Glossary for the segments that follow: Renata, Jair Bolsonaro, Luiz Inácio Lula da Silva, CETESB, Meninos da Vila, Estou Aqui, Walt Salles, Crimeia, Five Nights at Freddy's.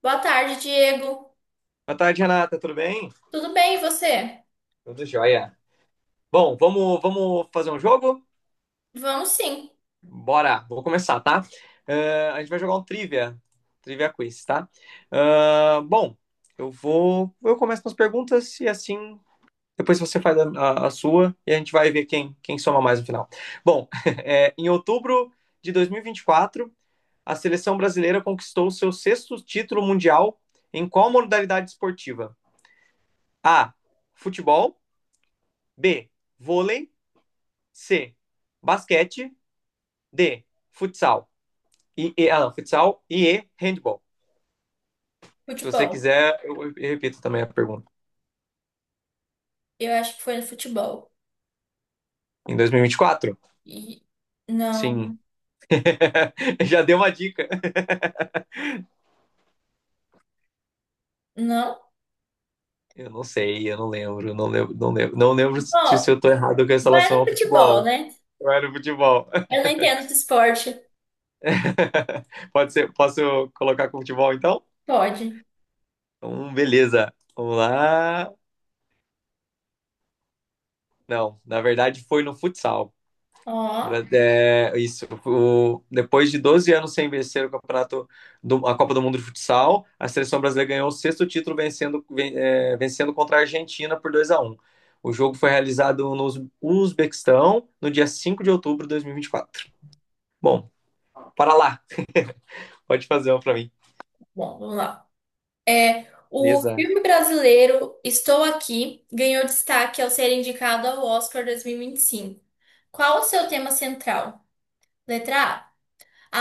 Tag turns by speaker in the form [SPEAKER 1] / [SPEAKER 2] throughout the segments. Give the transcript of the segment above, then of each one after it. [SPEAKER 1] Boa tarde, Diego.
[SPEAKER 2] Boa tarde, Renata. Tudo bem?
[SPEAKER 1] Tudo bem, e você?
[SPEAKER 2] Tudo jóia. Bom, vamos fazer um jogo?
[SPEAKER 1] Vamos sim.
[SPEAKER 2] Bora, vou começar, tá? A gente vai jogar um trivia, trivia quiz, tá? Ah, bom, eu começo com as perguntas e assim depois você faz a sua e a gente vai ver quem soma mais no final. Bom, em outubro de 2024, a seleção brasileira conquistou seu sexto título mundial em qual modalidade esportiva? A. Futebol. B. Vôlei. C. Basquete. D. Futsal. Não, futsal e E. Handball. Se você
[SPEAKER 1] Futebol.
[SPEAKER 2] quiser, eu repito também a pergunta.
[SPEAKER 1] Eu acho que foi no futebol.
[SPEAKER 2] Em dois mil e vinte e quatro?
[SPEAKER 1] E não,
[SPEAKER 2] Sim. Já deu uma dica.
[SPEAKER 1] não.
[SPEAKER 2] Eu não sei, eu não lembro, não lembro se
[SPEAKER 1] Bom,
[SPEAKER 2] eu tô errado com essa
[SPEAKER 1] vai
[SPEAKER 2] relação
[SPEAKER 1] no
[SPEAKER 2] ao
[SPEAKER 1] futebol,
[SPEAKER 2] futebol.
[SPEAKER 1] né?
[SPEAKER 2] Eu era o futebol.
[SPEAKER 1] Eu não entendo de esporte.
[SPEAKER 2] Pode ser, posso colocar com futebol então?
[SPEAKER 1] Pode.
[SPEAKER 2] Então, beleza. Vamos lá. Não, na verdade foi no futsal.
[SPEAKER 1] Ó,
[SPEAKER 2] É, isso. Depois de 12 anos sem vencer o campeonato a Copa do Mundo de Futsal, a seleção brasileira ganhou o sexto título vencendo contra a Argentina por 2 a um. O jogo foi realizado no Uzbequistão no dia 5 de outubro de dois mil e vinte e quatro. Bom, para lá. Pode fazer uma para mim.
[SPEAKER 1] bom, vamos lá. É, o
[SPEAKER 2] Beleza.
[SPEAKER 1] filme brasileiro Estou Aqui ganhou destaque ao ser indicado ao Oscar 2025. Qual o seu tema central? Letra A.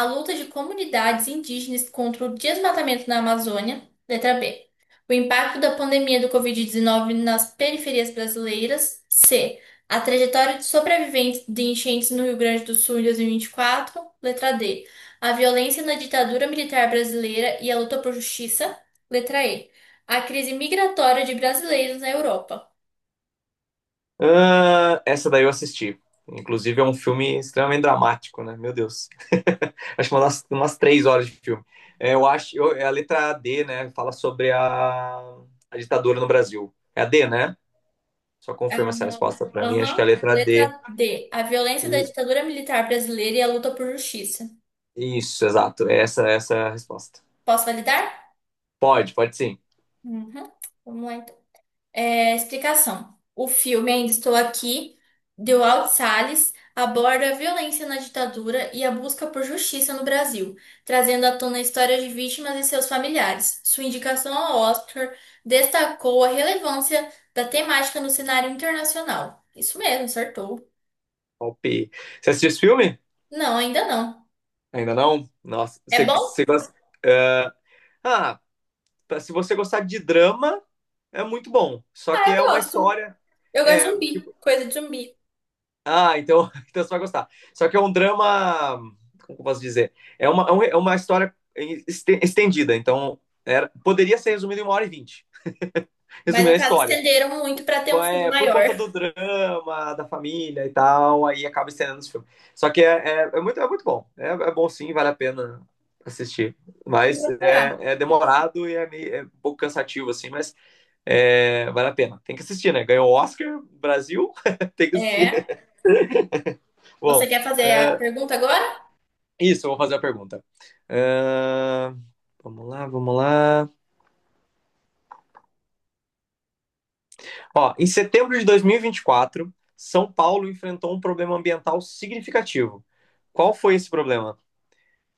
[SPEAKER 1] A luta de comunidades indígenas contra o desmatamento na Amazônia. Letra B. O impacto da pandemia do Covid-19 nas periferias brasileiras. C. A trajetória de sobreviventes de enchentes no Rio Grande do Sul em 2024. Letra D. A violência na ditadura militar brasileira e a luta por justiça. Letra E. A crise migratória de brasileiros na Europa.
[SPEAKER 2] Ah, essa daí eu assisti. Inclusive é um filme extremamente dramático, né? Meu Deus. Acho que umas 3 horas de filme. É, é a letra D, né? Fala sobre a ditadura no Brasil. É a D, né? Só confirma essa resposta pra mim. Acho que é a
[SPEAKER 1] Aham.
[SPEAKER 2] letra D.
[SPEAKER 1] Letra D. A violência da
[SPEAKER 2] E-
[SPEAKER 1] ditadura militar brasileira e a luta por justiça.
[SPEAKER 2] isso, exato. É essa é a resposta.
[SPEAKER 1] Posso validar?
[SPEAKER 2] Pode, pode sim.
[SPEAKER 1] Uhum. Vamos lá, então. É, explicação. O filme Ainda Estou Aqui, de Walt Salles, aborda a violência na ditadura e a busca por justiça no Brasil, trazendo à tona histórias de vítimas e seus familiares. Sua indicação ao Oscar destacou a relevância da temática no cenário internacional. Isso mesmo, acertou.
[SPEAKER 2] Palpi. Você assistiu esse filme?
[SPEAKER 1] Não, ainda não.
[SPEAKER 2] Ainda não? Nossa,
[SPEAKER 1] É bom?
[SPEAKER 2] você gosta. ah, ah, Tá, se você gostar de drama, é muito bom. Só
[SPEAKER 1] Ah,
[SPEAKER 2] que
[SPEAKER 1] eu
[SPEAKER 2] é uma
[SPEAKER 1] gosto.
[SPEAKER 2] história.
[SPEAKER 1] Eu gosto de
[SPEAKER 2] é,
[SPEAKER 1] zumbi, coisa de zumbi.
[SPEAKER 2] Ah, então, então você vai gostar. Só que é um drama. Como eu posso dizer? É uma história estendida. Poderia ser resumido em 1 hora e vinte.
[SPEAKER 1] Mas
[SPEAKER 2] Resumir
[SPEAKER 1] no
[SPEAKER 2] a
[SPEAKER 1] caso
[SPEAKER 2] história.
[SPEAKER 1] estenderam muito para ter um filme
[SPEAKER 2] É, por
[SPEAKER 1] maior.
[SPEAKER 2] conta do drama, da família e tal, aí acaba estendendo esse filme. Só que é muito bom. É bom sim, vale a pena assistir.
[SPEAKER 1] Eu vou
[SPEAKER 2] Mas
[SPEAKER 1] procurar.
[SPEAKER 2] é demorado e é um pouco cansativo, assim, mas é, vale a pena, tem que assistir, né? Ganhou o Oscar, Brasil, tem que assistir.
[SPEAKER 1] É. Você
[SPEAKER 2] Bom,
[SPEAKER 1] quer fazer a
[SPEAKER 2] é,
[SPEAKER 1] pergunta agora?
[SPEAKER 2] isso, eu vou fazer a pergunta. É, vamos lá. Ó, em setembro de 2024, São Paulo enfrentou um problema ambiental significativo. Qual foi esse problema?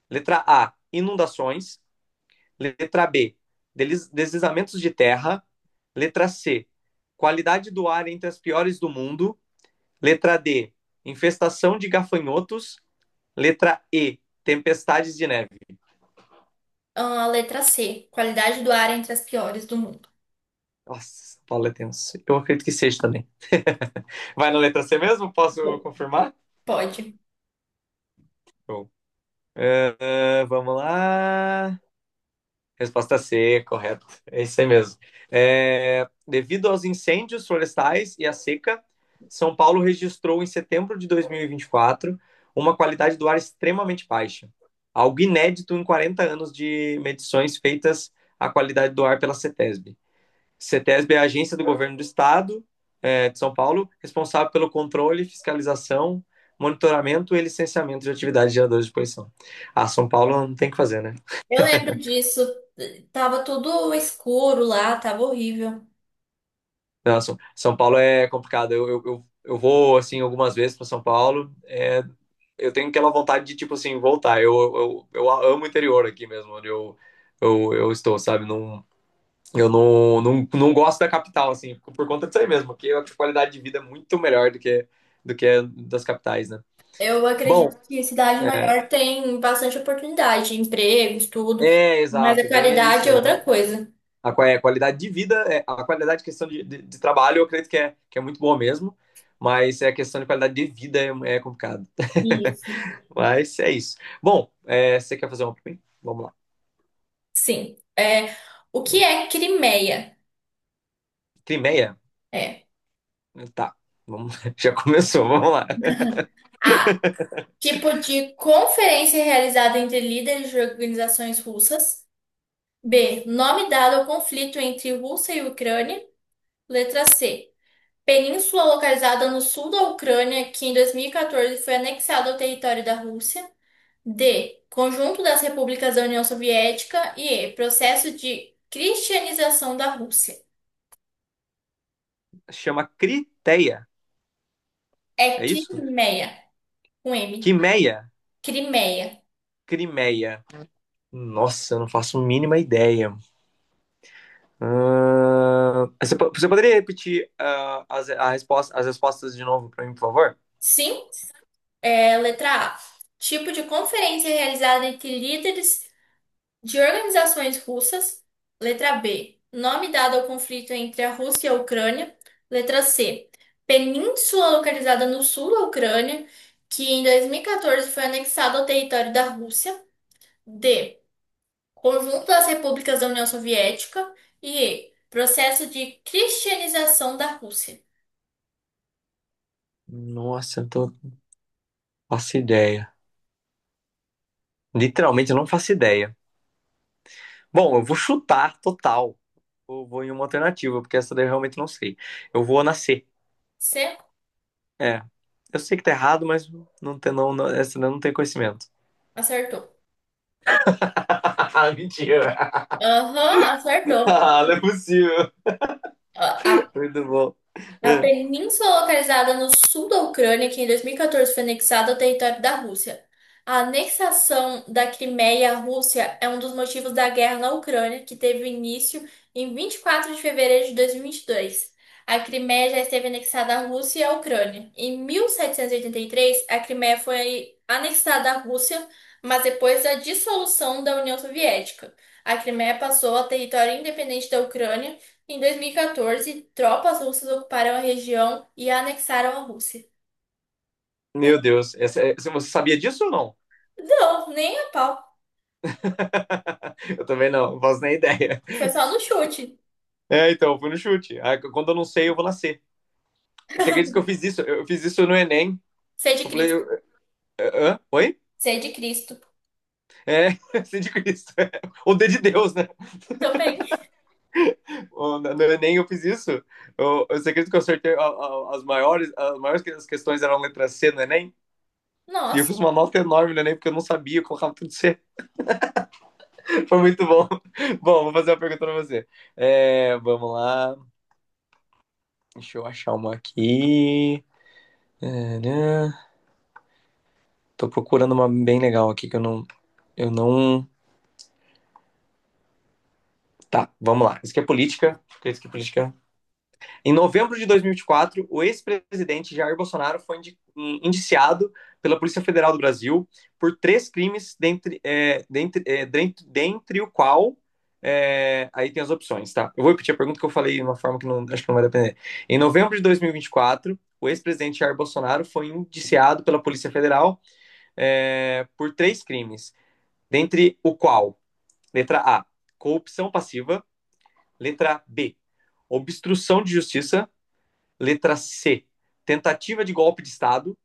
[SPEAKER 2] Letra A, inundações. Letra B, deslizamentos de terra. Letra C, qualidade do ar entre as piores do mundo. Letra D, infestação de gafanhotos. Letra E, tempestades de neve.
[SPEAKER 1] Ah, a letra C. Qualidade do ar entre as piores do mundo.
[SPEAKER 2] Nossa, São Paulo é tenso. Eu acredito que seja também. Vai na letra C mesmo? Posso
[SPEAKER 1] Bom,
[SPEAKER 2] confirmar?
[SPEAKER 1] pode.
[SPEAKER 2] Show. Vamos lá. Resposta C, correto. É isso aí mesmo. Devido aos incêndios florestais e à seca, São Paulo registrou em setembro de 2024 uma qualidade do ar extremamente baixa. Algo inédito em 40 anos de medições feitas à qualidade do ar pela CETESB. CETESB é a agência do governo do estado de São Paulo, responsável pelo controle, fiscalização, monitoramento e licenciamento de atividades de geradores de poluição. Ah, São Paulo não tem o que fazer, né?
[SPEAKER 1] Eu lembro disso. Tava tudo escuro lá, tava horrível.
[SPEAKER 2] Não, São Paulo é complicado. Eu vou, assim, algumas vezes para São Paulo. É, eu tenho aquela vontade de, tipo assim, voltar. Eu amo o interior aqui mesmo, onde eu estou, sabe? Não, não gosto da capital, assim, por conta disso aí mesmo, porque a qualidade de vida é muito melhor do que das capitais, né?
[SPEAKER 1] Eu
[SPEAKER 2] Bom,
[SPEAKER 1] acredito que cidade maior tem bastante oportunidade, empregos, tudo.
[SPEAKER 2] é
[SPEAKER 1] Mas a
[SPEAKER 2] exato, ganha
[SPEAKER 1] qualidade
[SPEAKER 2] nisso,
[SPEAKER 1] é
[SPEAKER 2] né?
[SPEAKER 1] outra coisa.
[SPEAKER 2] A qualidade de vida, a qualidade de questão de trabalho, eu acredito que que é muito boa mesmo, mas é a questão de qualidade de vida é complicado.
[SPEAKER 1] Isso.
[SPEAKER 2] Mas é isso. Bom, você quer fazer uma pra mim? Vamos
[SPEAKER 1] Sim. É, o que
[SPEAKER 2] lá.
[SPEAKER 1] é Crimeia?
[SPEAKER 2] Crimeia?
[SPEAKER 1] É.
[SPEAKER 2] Tá. Vamos, já começou, vamos lá.
[SPEAKER 1] A. Tipo de conferência realizada entre líderes de organizações russas. B. Nome dado ao conflito entre Rússia e Ucrânia. Letra C. Península localizada no sul da Ucrânia, que em 2014 foi anexada ao território da Rússia. D. Conjunto das repúblicas da União Soviética. E. Processo de cristianização da Rússia.
[SPEAKER 2] Chama Criteia,
[SPEAKER 1] É
[SPEAKER 2] é isso?
[SPEAKER 1] Crimeia, com M.
[SPEAKER 2] Quimeia?
[SPEAKER 1] Crimeia.
[SPEAKER 2] Crimeia. Nossa, eu não faço a mínima ideia. Você poderia repetir as respostas de novo pra mim, por favor?
[SPEAKER 1] Sim, é, letra A. Tipo de conferência realizada entre líderes de organizações russas. Letra B. Nome dado ao conflito entre a Rússia e a Ucrânia. Letra C. Península localizada no sul da Ucrânia, que em 2014 foi anexada ao território da Rússia. D. Conjunto das repúblicas da União Soviética. E. Processo de cristianização da Rússia.
[SPEAKER 2] Nossa, eu tô... faço ideia. Literalmente, eu não faço ideia. Bom, eu vou chutar total. Eu vou em uma alternativa, porque essa daí eu realmente não sei. Eu vou nascer.
[SPEAKER 1] C.
[SPEAKER 2] É. Eu sei que tá errado, mas não tem, essa daí eu não tem conhecimento.
[SPEAKER 1] Acertou.
[SPEAKER 2] Ah, mentira.
[SPEAKER 1] Aham, acertou.
[SPEAKER 2] Ah, não é possível.
[SPEAKER 1] A a
[SPEAKER 2] Muito bom.
[SPEAKER 1] a
[SPEAKER 2] É.
[SPEAKER 1] península localizada no sul da Ucrânia, que em 2014 foi anexada ao território da Rússia. A anexação da Crimeia à Rússia é um dos motivos da guerra na Ucrânia, que teve início em 24 de fevereiro de 2022. A Crimeia já esteve anexada à Rússia e à Ucrânia. Em 1783, a Crimeia foi anexada à Rússia, mas depois da dissolução da União Soviética. A Crimeia passou a território independente da Ucrânia em 2014, tropas russas ocuparam a região e a anexaram a Rússia.
[SPEAKER 2] Meu Deus, você sabia disso ou não?
[SPEAKER 1] Não, nem a pau.
[SPEAKER 2] Eu também não, não faço nem ideia.
[SPEAKER 1] Foi só no chute.
[SPEAKER 2] É, então, eu fui no chute. Ah, quando eu não sei, eu vou nascer. Você acredita que eu fiz isso? Eu fiz isso no Enem.
[SPEAKER 1] Sei de
[SPEAKER 2] Eu falei, eu-
[SPEAKER 1] Cristo.
[SPEAKER 2] hã? Oi?
[SPEAKER 1] Sei de Cristo.
[SPEAKER 2] É, sei de Cristo. Ou D de Deus, né?
[SPEAKER 1] Também.
[SPEAKER 2] Ou, no Enem eu fiz isso. Eu sei que eu acertei as maiores, as questões eram letra C no Enem. E eu
[SPEAKER 1] Nossa.
[SPEAKER 2] fiz uma nota enorme no Enem, porque eu não sabia, eu colocava tudo C. Foi muito bom. Bom, vou fazer uma pergunta pra você. É, vamos lá. Deixa eu achar uma aqui. Tadã. Tô procurando uma bem legal aqui que eu não. Eu não. Tá, vamos lá. Isso aqui é política. Porque isso aqui é política. Em novembro de 2024, o ex-presidente Jair Bolsonaro foi indiciado pela Polícia Federal do Brasil por três crimes, dentre o qual. É, aí tem as opções, tá? Eu vou repetir a pergunta que eu falei de uma forma que não, acho que não vai depender. Em novembro de 2024, o ex-presidente Jair Bolsonaro foi indiciado pela Polícia Federal por três crimes, dentre o qual, letra A, corrupção passiva, letra B, obstrução de justiça. Letra C, tentativa de golpe de Estado.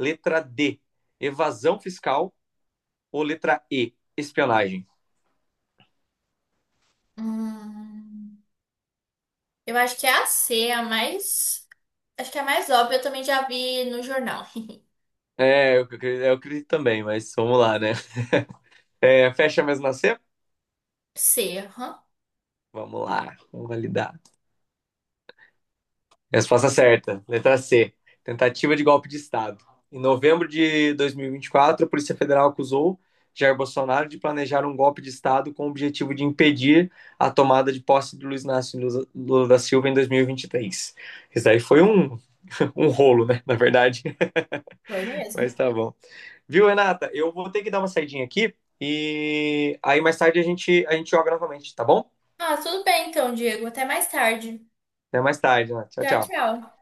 [SPEAKER 2] Letra D, evasão fiscal. Ou letra E, espionagem?
[SPEAKER 1] Hum, eu acho que é a C, a mais. Acho que é a mais óbvia, eu também já vi no jornal.
[SPEAKER 2] É, eu acredito também, mas vamos lá, né? É, fecha mesmo na C?
[SPEAKER 1] C, aham.
[SPEAKER 2] Vamos lá, vamos validar. Resposta certa, letra C. Tentativa de golpe de Estado. Em novembro de 2024, a Polícia Federal acusou Jair Bolsonaro de planejar um golpe de Estado com o objetivo de impedir a tomada de posse de Luiz Inácio Lula da Silva em 2023. Isso daí foi um, um rolo, né? Na verdade,
[SPEAKER 1] Foi mesmo.
[SPEAKER 2] mas tá bom. Viu, Renata? Eu vou ter que dar uma saidinha aqui e aí mais tarde a gente joga novamente, tá bom?
[SPEAKER 1] Ah, tudo bem então, Diego. Até mais tarde.
[SPEAKER 2] Até mais tarde, né? Tchau,
[SPEAKER 1] Tchau,
[SPEAKER 2] tchau.
[SPEAKER 1] tchau.